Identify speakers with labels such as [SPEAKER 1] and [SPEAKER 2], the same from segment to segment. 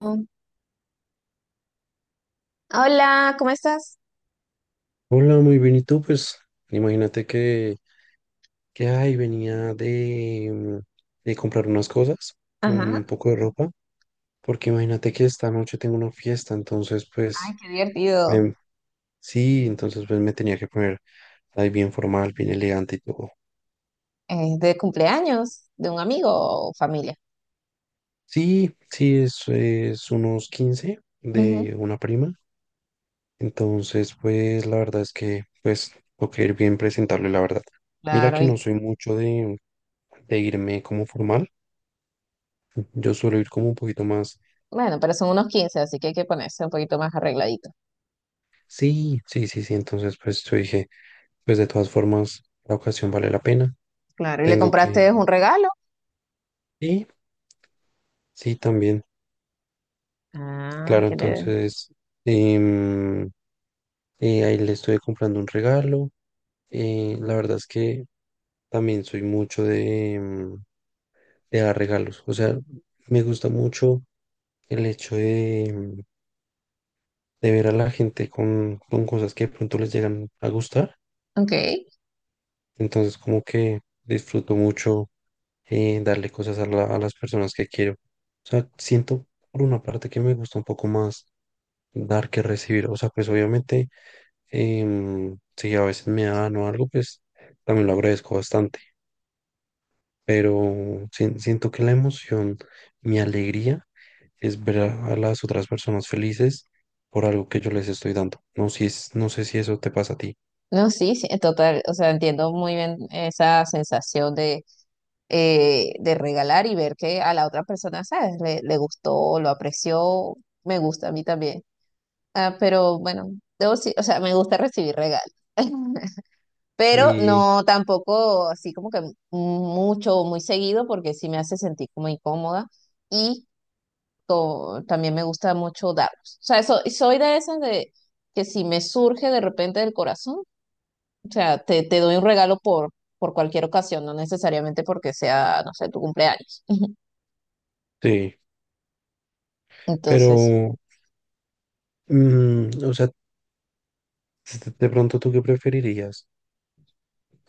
[SPEAKER 1] Mm. Hola, ¿cómo estás?
[SPEAKER 2] Hola, muy bien. ¿Y tú? Pues imagínate que ay, venía de comprar unas cosas,
[SPEAKER 1] Ajá.
[SPEAKER 2] un poco de ropa, porque imagínate que esta noche tengo una fiesta, entonces
[SPEAKER 1] Ay,
[SPEAKER 2] pues
[SPEAKER 1] qué divertido.
[SPEAKER 2] me- sí, entonces pues me tenía que poner ahí bien formal, bien elegante y todo.
[SPEAKER 1] Es de cumpleaños de un amigo o familia.
[SPEAKER 2] Sí, sí, es unos 15
[SPEAKER 1] Ujú.
[SPEAKER 2] de una prima, entonces pues la verdad es que pues tengo que ir bien presentable, la verdad. Mira
[SPEAKER 1] Claro,
[SPEAKER 2] que
[SPEAKER 1] y
[SPEAKER 2] no soy mucho de irme como formal. Yo suelo ir como un poquito más.
[SPEAKER 1] bueno, pero son unos quince, así que hay que ponerse un poquito más arregladito.
[SPEAKER 2] Sí, sí, sí, sí. Entonces, pues yo dije, pues de todas formas, la ocasión vale la pena.
[SPEAKER 1] Claro, ¿y le
[SPEAKER 2] Tengo que,
[SPEAKER 1] compraste
[SPEAKER 2] sí,
[SPEAKER 1] un regalo?
[SPEAKER 2] sí, también.
[SPEAKER 1] Ah,
[SPEAKER 2] Claro,
[SPEAKER 1] qué le...
[SPEAKER 2] entonces, em, ahí le estuve comprando un regalo. La verdad es que también soy mucho de dar regalos. O sea, me gusta mucho el hecho de ver a la gente con cosas que de pronto les llegan a gustar.
[SPEAKER 1] Ok.
[SPEAKER 2] Entonces, como que disfruto mucho darle cosas a las personas que quiero. O sea, siento por una parte que me gusta un poco más dar que recibir. O sea, pues obviamente, si a veces me dan o algo, pues también lo agradezco bastante. Pero siento que la emoción, mi alegría, es ver a las otras personas felices por algo que yo les estoy dando. No, si es, no sé si eso te pasa a ti.
[SPEAKER 1] No, sí, sí, en total, o sea, entiendo muy bien esa sensación de regalar y ver que a la otra persona, ¿sabes? Le gustó, lo apreció, me gusta a mí también. Ah, pero bueno, o sea, me gusta recibir regalos. Pero
[SPEAKER 2] Y
[SPEAKER 1] no tampoco así como que mucho o muy seguido porque sí me hace sentir como incómoda y también me gusta mucho darlos. O sea, soy de esas de que si me surge de repente del corazón, o sea, te doy un regalo por cualquier ocasión, no necesariamente porque sea, no sé, tu cumpleaños.
[SPEAKER 2] sí,
[SPEAKER 1] Entonces,
[SPEAKER 2] pero, o sea, de pronto, ¿tú qué preferirías?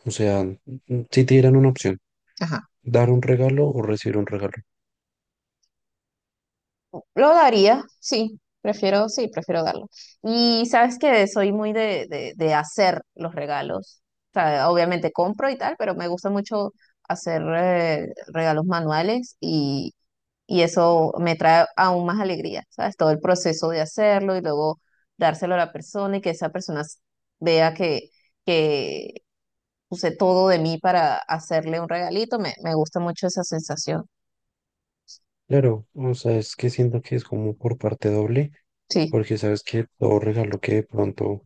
[SPEAKER 2] O sea, si te dieran una opción,
[SPEAKER 1] ajá.
[SPEAKER 2] dar un regalo o recibir un regalo.
[SPEAKER 1] Lo daría, sí, prefiero darlo. Y sabes que soy muy de hacer los regalos. O sea, obviamente compro y tal, pero me gusta mucho hacer regalos manuales y eso me trae aún más alegría, ¿sabes? Todo el proceso de hacerlo y luego dárselo a la persona y que esa persona vea que puse todo de mí para hacerle un regalito. Me gusta mucho esa sensación.
[SPEAKER 2] Claro, o sea, es que siento que es como por parte doble,
[SPEAKER 1] Sí.
[SPEAKER 2] porque sabes que todo regalo que de pronto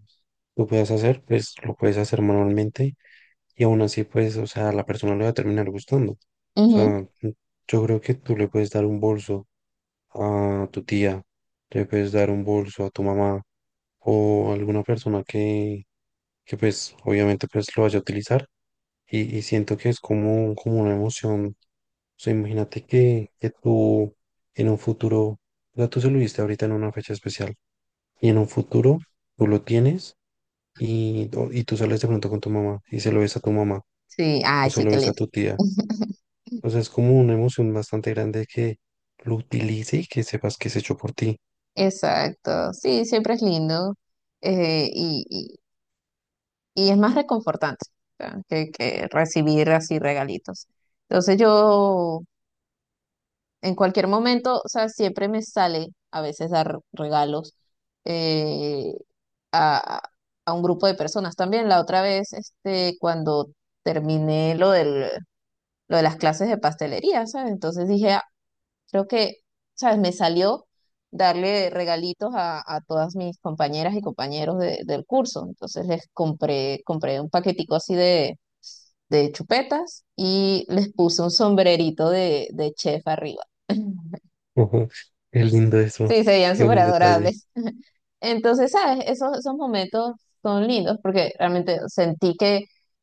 [SPEAKER 2] tú puedas hacer, pues lo puedes hacer manualmente y aún así, pues, o sea, a la persona le va a terminar gustando. O
[SPEAKER 1] Ujú.
[SPEAKER 2] sea, yo creo que tú le puedes dar un bolso a tu tía, le puedes dar un bolso a tu mamá o a alguna persona que pues, obviamente, pues lo vaya a utilizar y siento que es como, como una emoción. O sea, imagínate que tú en un futuro, o sea, tú se lo diste ahorita en una fecha especial y en un futuro tú lo tienes y tú sales de pronto con tu mamá y se lo ves a tu mamá
[SPEAKER 1] Sí,
[SPEAKER 2] o
[SPEAKER 1] ay,
[SPEAKER 2] se
[SPEAKER 1] sí,
[SPEAKER 2] lo
[SPEAKER 1] qué
[SPEAKER 2] ves a
[SPEAKER 1] lindo.
[SPEAKER 2] tu tía. O sea, es como una emoción bastante grande que lo utilice y que sepas que es hecho por ti.
[SPEAKER 1] Exacto, sí, siempre es lindo eh, y, y- y es más reconfortante o sea, que recibir así regalitos. Entonces yo en cualquier momento, o sea, siempre me sale a veces dar regalos eh, a, a un grupo de personas también. La otra vez, este, cuando terminé lo de las clases de pastelería, ¿sabes? Entonces dije, creo que, ¿sabes? Me salió darle a todas mis compañeras y compañeros del curso. Entonces compré un paquetico así de chupetas y les puse un sombrerito de chef arriba.
[SPEAKER 2] Ujú, qué lindo eso,
[SPEAKER 1] Sí, serían
[SPEAKER 2] qué
[SPEAKER 1] súper
[SPEAKER 2] buen detalle.
[SPEAKER 1] adorables. Entonces, ¿sabes? Esos, esos momentos son lindos porque realmente sentí que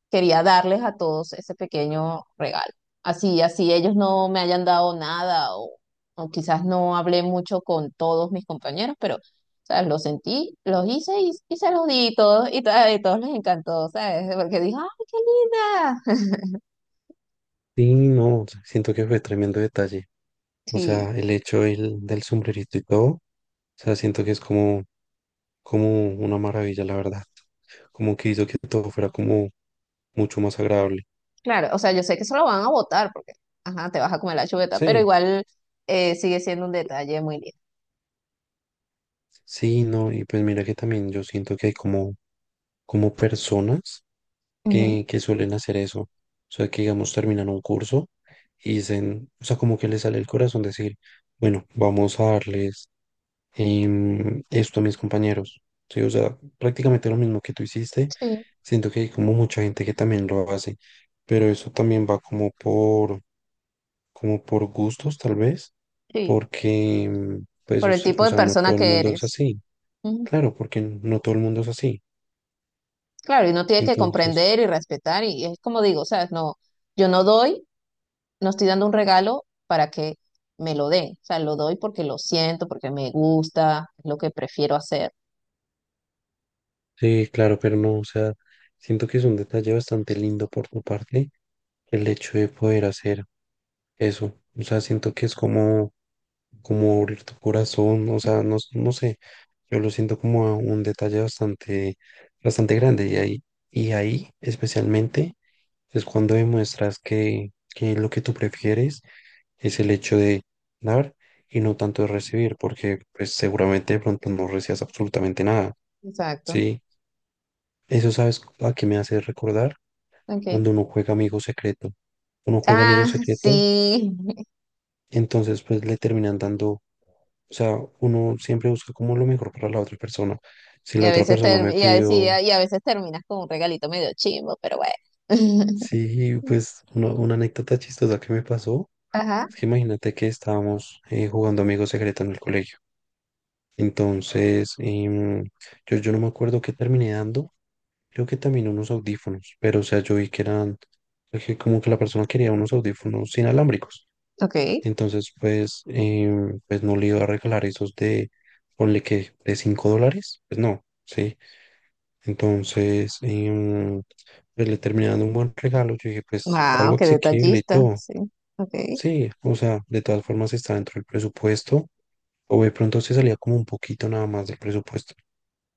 [SPEAKER 1] quería darles a todos ese pequeño regalo. Así, así ellos no me hayan dado nada o, o quizás no hablé mucho con todos mis compañeros, pero, ¿sabes? Los sentí, los hice y se los di y todos, y, a todos les encantó, ¿sabes? Porque dije, ¡ay, qué linda!
[SPEAKER 2] Sí, no, siento que fue tremendo detalle. O sea,
[SPEAKER 1] Sí.
[SPEAKER 2] el hecho del sombrerito y todo, o sea, siento que es como una maravilla, la verdad. Como que hizo que todo fuera como mucho más agradable.
[SPEAKER 1] Claro, o sea, yo sé que eso lo van a votar porque, ajá, te vas a comer la chuleta, pero
[SPEAKER 2] Sí,
[SPEAKER 1] igual sigue siendo un detalle muy lindo.
[SPEAKER 2] sí, no, y pues mira que también yo siento que hay como personas
[SPEAKER 1] Ujú.
[SPEAKER 2] que suelen hacer eso. O sea, que digamos, terminan un curso y dicen, o sea, como que les sale el corazón decir, bueno, vamos a darles esto a mis compañeros. Sí, o sea, prácticamente lo mismo que tú hiciste.
[SPEAKER 1] Sí,
[SPEAKER 2] Siento que hay como mucha gente que también lo hace, pero eso también va como por gustos, tal vez,
[SPEAKER 1] sí,
[SPEAKER 2] porque, pues,
[SPEAKER 1] por
[SPEAKER 2] o
[SPEAKER 1] el
[SPEAKER 2] sea,
[SPEAKER 1] tipo
[SPEAKER 2] o
[SPEAKER 1] de
[SPEAKER 2] sea, no
[SPEAKER 1] persona
[SPEAKER 2] todo el
[SPEAKER 1] que
[SPEAKER 2] mundo es
[SPEAKER 1] eres.
[SPEAKER 2] así.
[SPEAKER 1] Ujú.
[SPEAKER 2] Claro, porque no todo el mundo es así.
[SPEAKER 1] Claro, y uno tiene que
[SPEAKER 2] Entonces.
[SPEAKER 1] comprender y respetar y es como digo, ¿sabes? No, yo no doy, no estoy dando un regalo para que me lo den, o sea, lo doy porque lo siento, porque me gusta, es lo que prefiero hacer.
[SPEAKER 2] Sí, claro, pero no, o sea, siento que es un detalle bastante lindo por tu parte el hecho de poder hacer eso. O sea, siento que es como abrir tu corazón, o sea, no, no sé, yo lo siento como a un detalle bastante, bastante grande y ahí especialmente es cuando demuestras que lo que tú prefieres es el hecho de dar y no tanto de recibir, porque pues seguramente de pronto no recibas absolutamente nada,
[SPEAKER 1] Exacto,
[SPEAKER 2] ¿sí? Eso, ¿sabes a qué me hace recordar?
[SPEAKER 1] ok.
[SPEAKER 2] Cuando uno juega amigo secreto. Uno juega amigo
[SPEAKER 1] Ah,
[SPEAKER 2] secreto,
[SPEAKER 1] sí.
[SPEAKER 2] entonces pues le terminan dando, o sea, uno siempre busca como lo mejor para la otra persona. Si
[SPEAKER 1] Y
[SPEAKER 2] la
[SPEAKER 1] a
[SPEAKER 2] otra
[SPEAKER 1] veces
[SPEAKER 2] persona
[SPEAKER 1] ter-
[SPEAKER 2] me pidió,
[SPEAKER 1] y a veces terminas con un regalito medio chimbo, pero bueno.
[SPEAKER 2] sí, pues una anécdota chistosa que me pasó,
[SPEAKER 1] Ajá,
[SPEAKER 2] es que imagínate que estábamos jugando amigo secreto en el colegio. Entonces, yo no me acuerdo qué terminé dando, creo que también unos audífonos, pero o sea, yo vi que eran, que como que la persona quería unos audífonos inalámbricos.
[SPEAKER 1] ok.
[SPEAKER 2] Entonces, pues, pues no le iba a regalar esos de, ponle que, de $5, pues no, ¿sí? Entonces, pues le terminé dando un buen regalo, yo dije, pues
[SPEAKER 1] Wow,
[SPEAKER 2] algo
[SPEAKER 1] qué
[SPEAKER 2] asequible y
[SPEAKER 1] detallista,
[SPEAKER 2] todo,
[SPEAKER 1] sí. Ok,
[SPEAKER 2] sí, o sea, de todas formas está dentro del presupuesto, o de pronto se salía como un poquito nada más del presupuesto,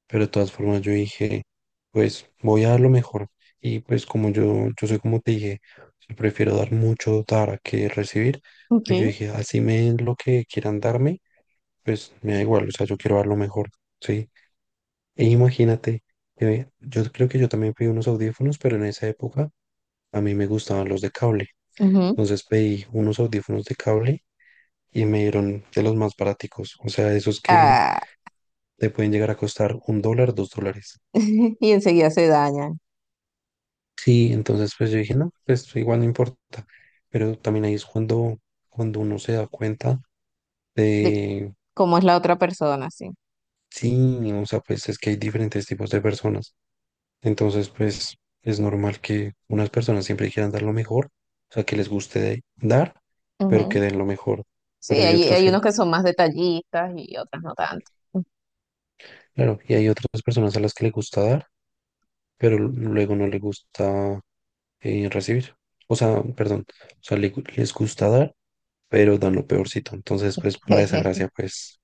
[SPEAKER 2] pero de todas formas yo dije, pues voy a dar lo mejor. Y pues como yo soy como te dije, yo prefiero dar mucho dar que recibir,
[SPEAKER 1] ok.
[SPEAKER 2] pues yo dije, así me den lo que quieran darme, pues me da igual, o sea, yo quiero dar lo mejor, ¿sí? E imagínate, yo creo que yo también pedí unos audífonos, pero en esa época a mí me gustaban los de cable.
[SPEAKER 1] Ujú.
[SPEAKER 2] Entonces pedí unos audífonos de cable y me dieron de los más baraticos, o sea, esos que
[SPEAKER 1] Ah,
[SPEAKER 2] te pueden llegar a costar $1, $2.
[SPEAKER 1] y enseguida se dañan.
[SPEAKER 2] Sí, entonces pues yo dije, no, pues igual no importa. Pero también ahí es cuando uno se da cuenta
[SPEAKER 1] De
[SPEAKER 2] de,
[SPEAKER 1] cómo es la otra persona, sí.
[SPEAKER 2] sí, o sea, pues es que hay diferentes tipos de personas. Entonces, pues es normal que unas personas siempre quieran dar lo mejor, o sea, que les guste dar, pero que
[SPEAKER 1] Ujú.
[SPEAKER 2] den lo mejor.
[SPEAKER 1] Sí,
[SPEAKER 2] Pero hay
[SPEAKER 1] hay,
[SPEAKER 2] otras
[SPEAKER 1] hay
[SPEAKER 2] que,
[SPEAKER 1] unos que son más detallistas y otras no tanto.
[SPEAKER 2] claro, y hay otras personas a las que les gusta dar, pero luego no les gusta recibir. O sea, perdón, o sea, les gusta dar pero dan lo peorcito. Entonces, pues para esa gracia, pues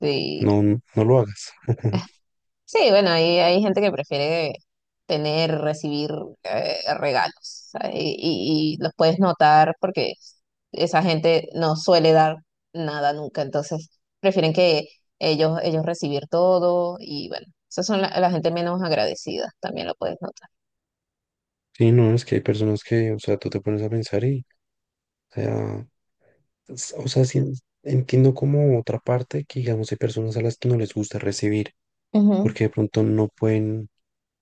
[SPEAKER 1] Sí.
[SPEAKER 2] no, no no lo hagas.
[SPEAKER 1] Sí, bueno, hay gente que prefiere tener, recibir regalos, ¿sabes? Y los puedes notar porque esa gente no suele dar nada nunca, entonces prefieren que ellos recibir todo y bueno, esas son la gente menos agradecida, también lo puedes notar.
[SPEAKER 2] Sí, no, es que hay personas que, o sea, tú te pones a pensar y, o sea, o sea, sí entiendo como otra parte que, digamos, hay personas a las que no les gusta recibir, porque de pronto no pueden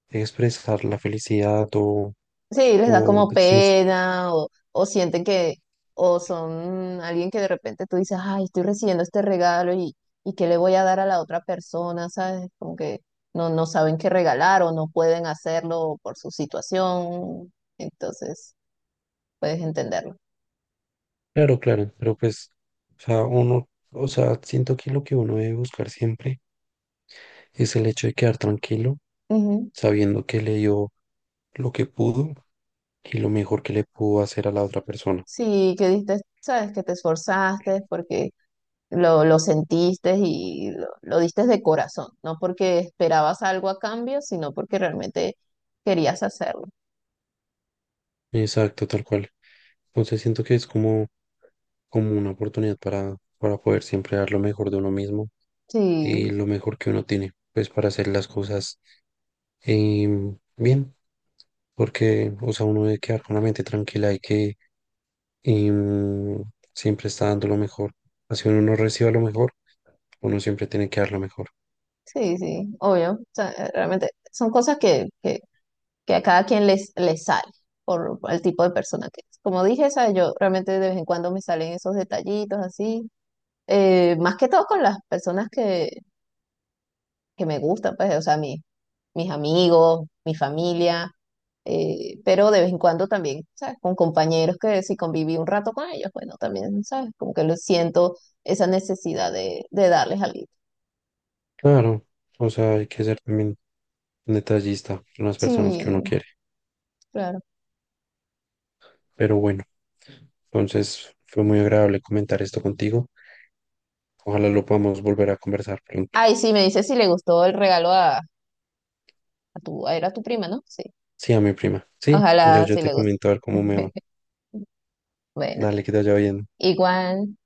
[SPEAKER 2] expresar la felicidad o,
[SPEAKER 1] Sí, les da
[SPEAKER 2] o
[SPEAKER 1] como
[SPEAKER 2] decir,
[SPEAKER 1] pena o sienten que, o son alguien que de repente tú dices, ay, estoy recibiendo este regalo y qué le voy a dar a la otra persona, ¿sabes? Como que no, no saben qué regalar o no pueden hacerlo por su situación, entonces puedes entenderlo.
[SPEAKER 2] claro, claro, pero pues, o sea, uno, o sea, siento que lo que uno debe buscar siempre es el hecho de quedar tranquilo,
[SPEAKER 1] Ujú.
[SPEAKER 2] sabiendo que le dio lo que pudo y lo mejor que le pudo hacer a la otra persona.
[SPEAKER 1] Sí, que diste, sabes que te esforzaste porque lo sentiste y lo diste de corazón, no porque esperabas algo a cambio, sino porque realmente querías hacerlo.
[SPEAKER 2] Exacto, tal cual. Entonces siento que es como una oportunidad para poder siempre dar lo mejor de uno mismo y
[SPEAKER 1] Sí.
[SPEAKER 2] lo mejor que uno tiene, pues para hacer las cosas bien, porque, o sea, uno debe quedar con la mente tranquila y que em, siempre está dando lo mejor. Así uno no reciba lo mejor, uno siempre tiene que dar lo mejor.
[SPEAKER 1] Sí, sí, obvio. O sea, realmente son cosas que a cada quien les, les sale por el tipo de persona que es. Como dije, ¿sabes? Yo realmente de vez en cuando me salen esos detallitos así. Eh, más que todo con las personas que me gustan, pues, o sea, mis amigos, mi familia, pero de vez en cuando también, ¿sabes? Con compañeros que si conviví un rato con ellos, bueno, también, ¿sabes? Como que lo siento esa necesidad de darles algo.
[SPEAKER 2] Claro, o sea, hay que ser también detallista con las personas que uno
[SPEAKER 1] Sí,
[SPEAKER 2] quiere.
[SPEAKER 1] claro.
[SPEAKER 2] Pero bueno, entonces fue muy agradable comentar esto contigo. Ojalá lo podamos volver a conversar pronto.
[SPEAKER 1] Ay, sí, me dice si le gustó el regalo a tu, a, era tu prima, ¿no? Sí.
[SPEAKER 2] Sí, a mi prima. Sí, yo,
[SPEAKER 1] Ojalá
[SPEAKER 2] yo
[SPEAKER 1] sí
[SPEAKER 2] te
[SPEAKER 1] le guste.
[SPEAKER 2] comento a ver cómo me va.
[SPEAKER 1] Bueno,
[SPEAKER 2] Dale, que te vaya bien.
[SPEAKER 1] igual.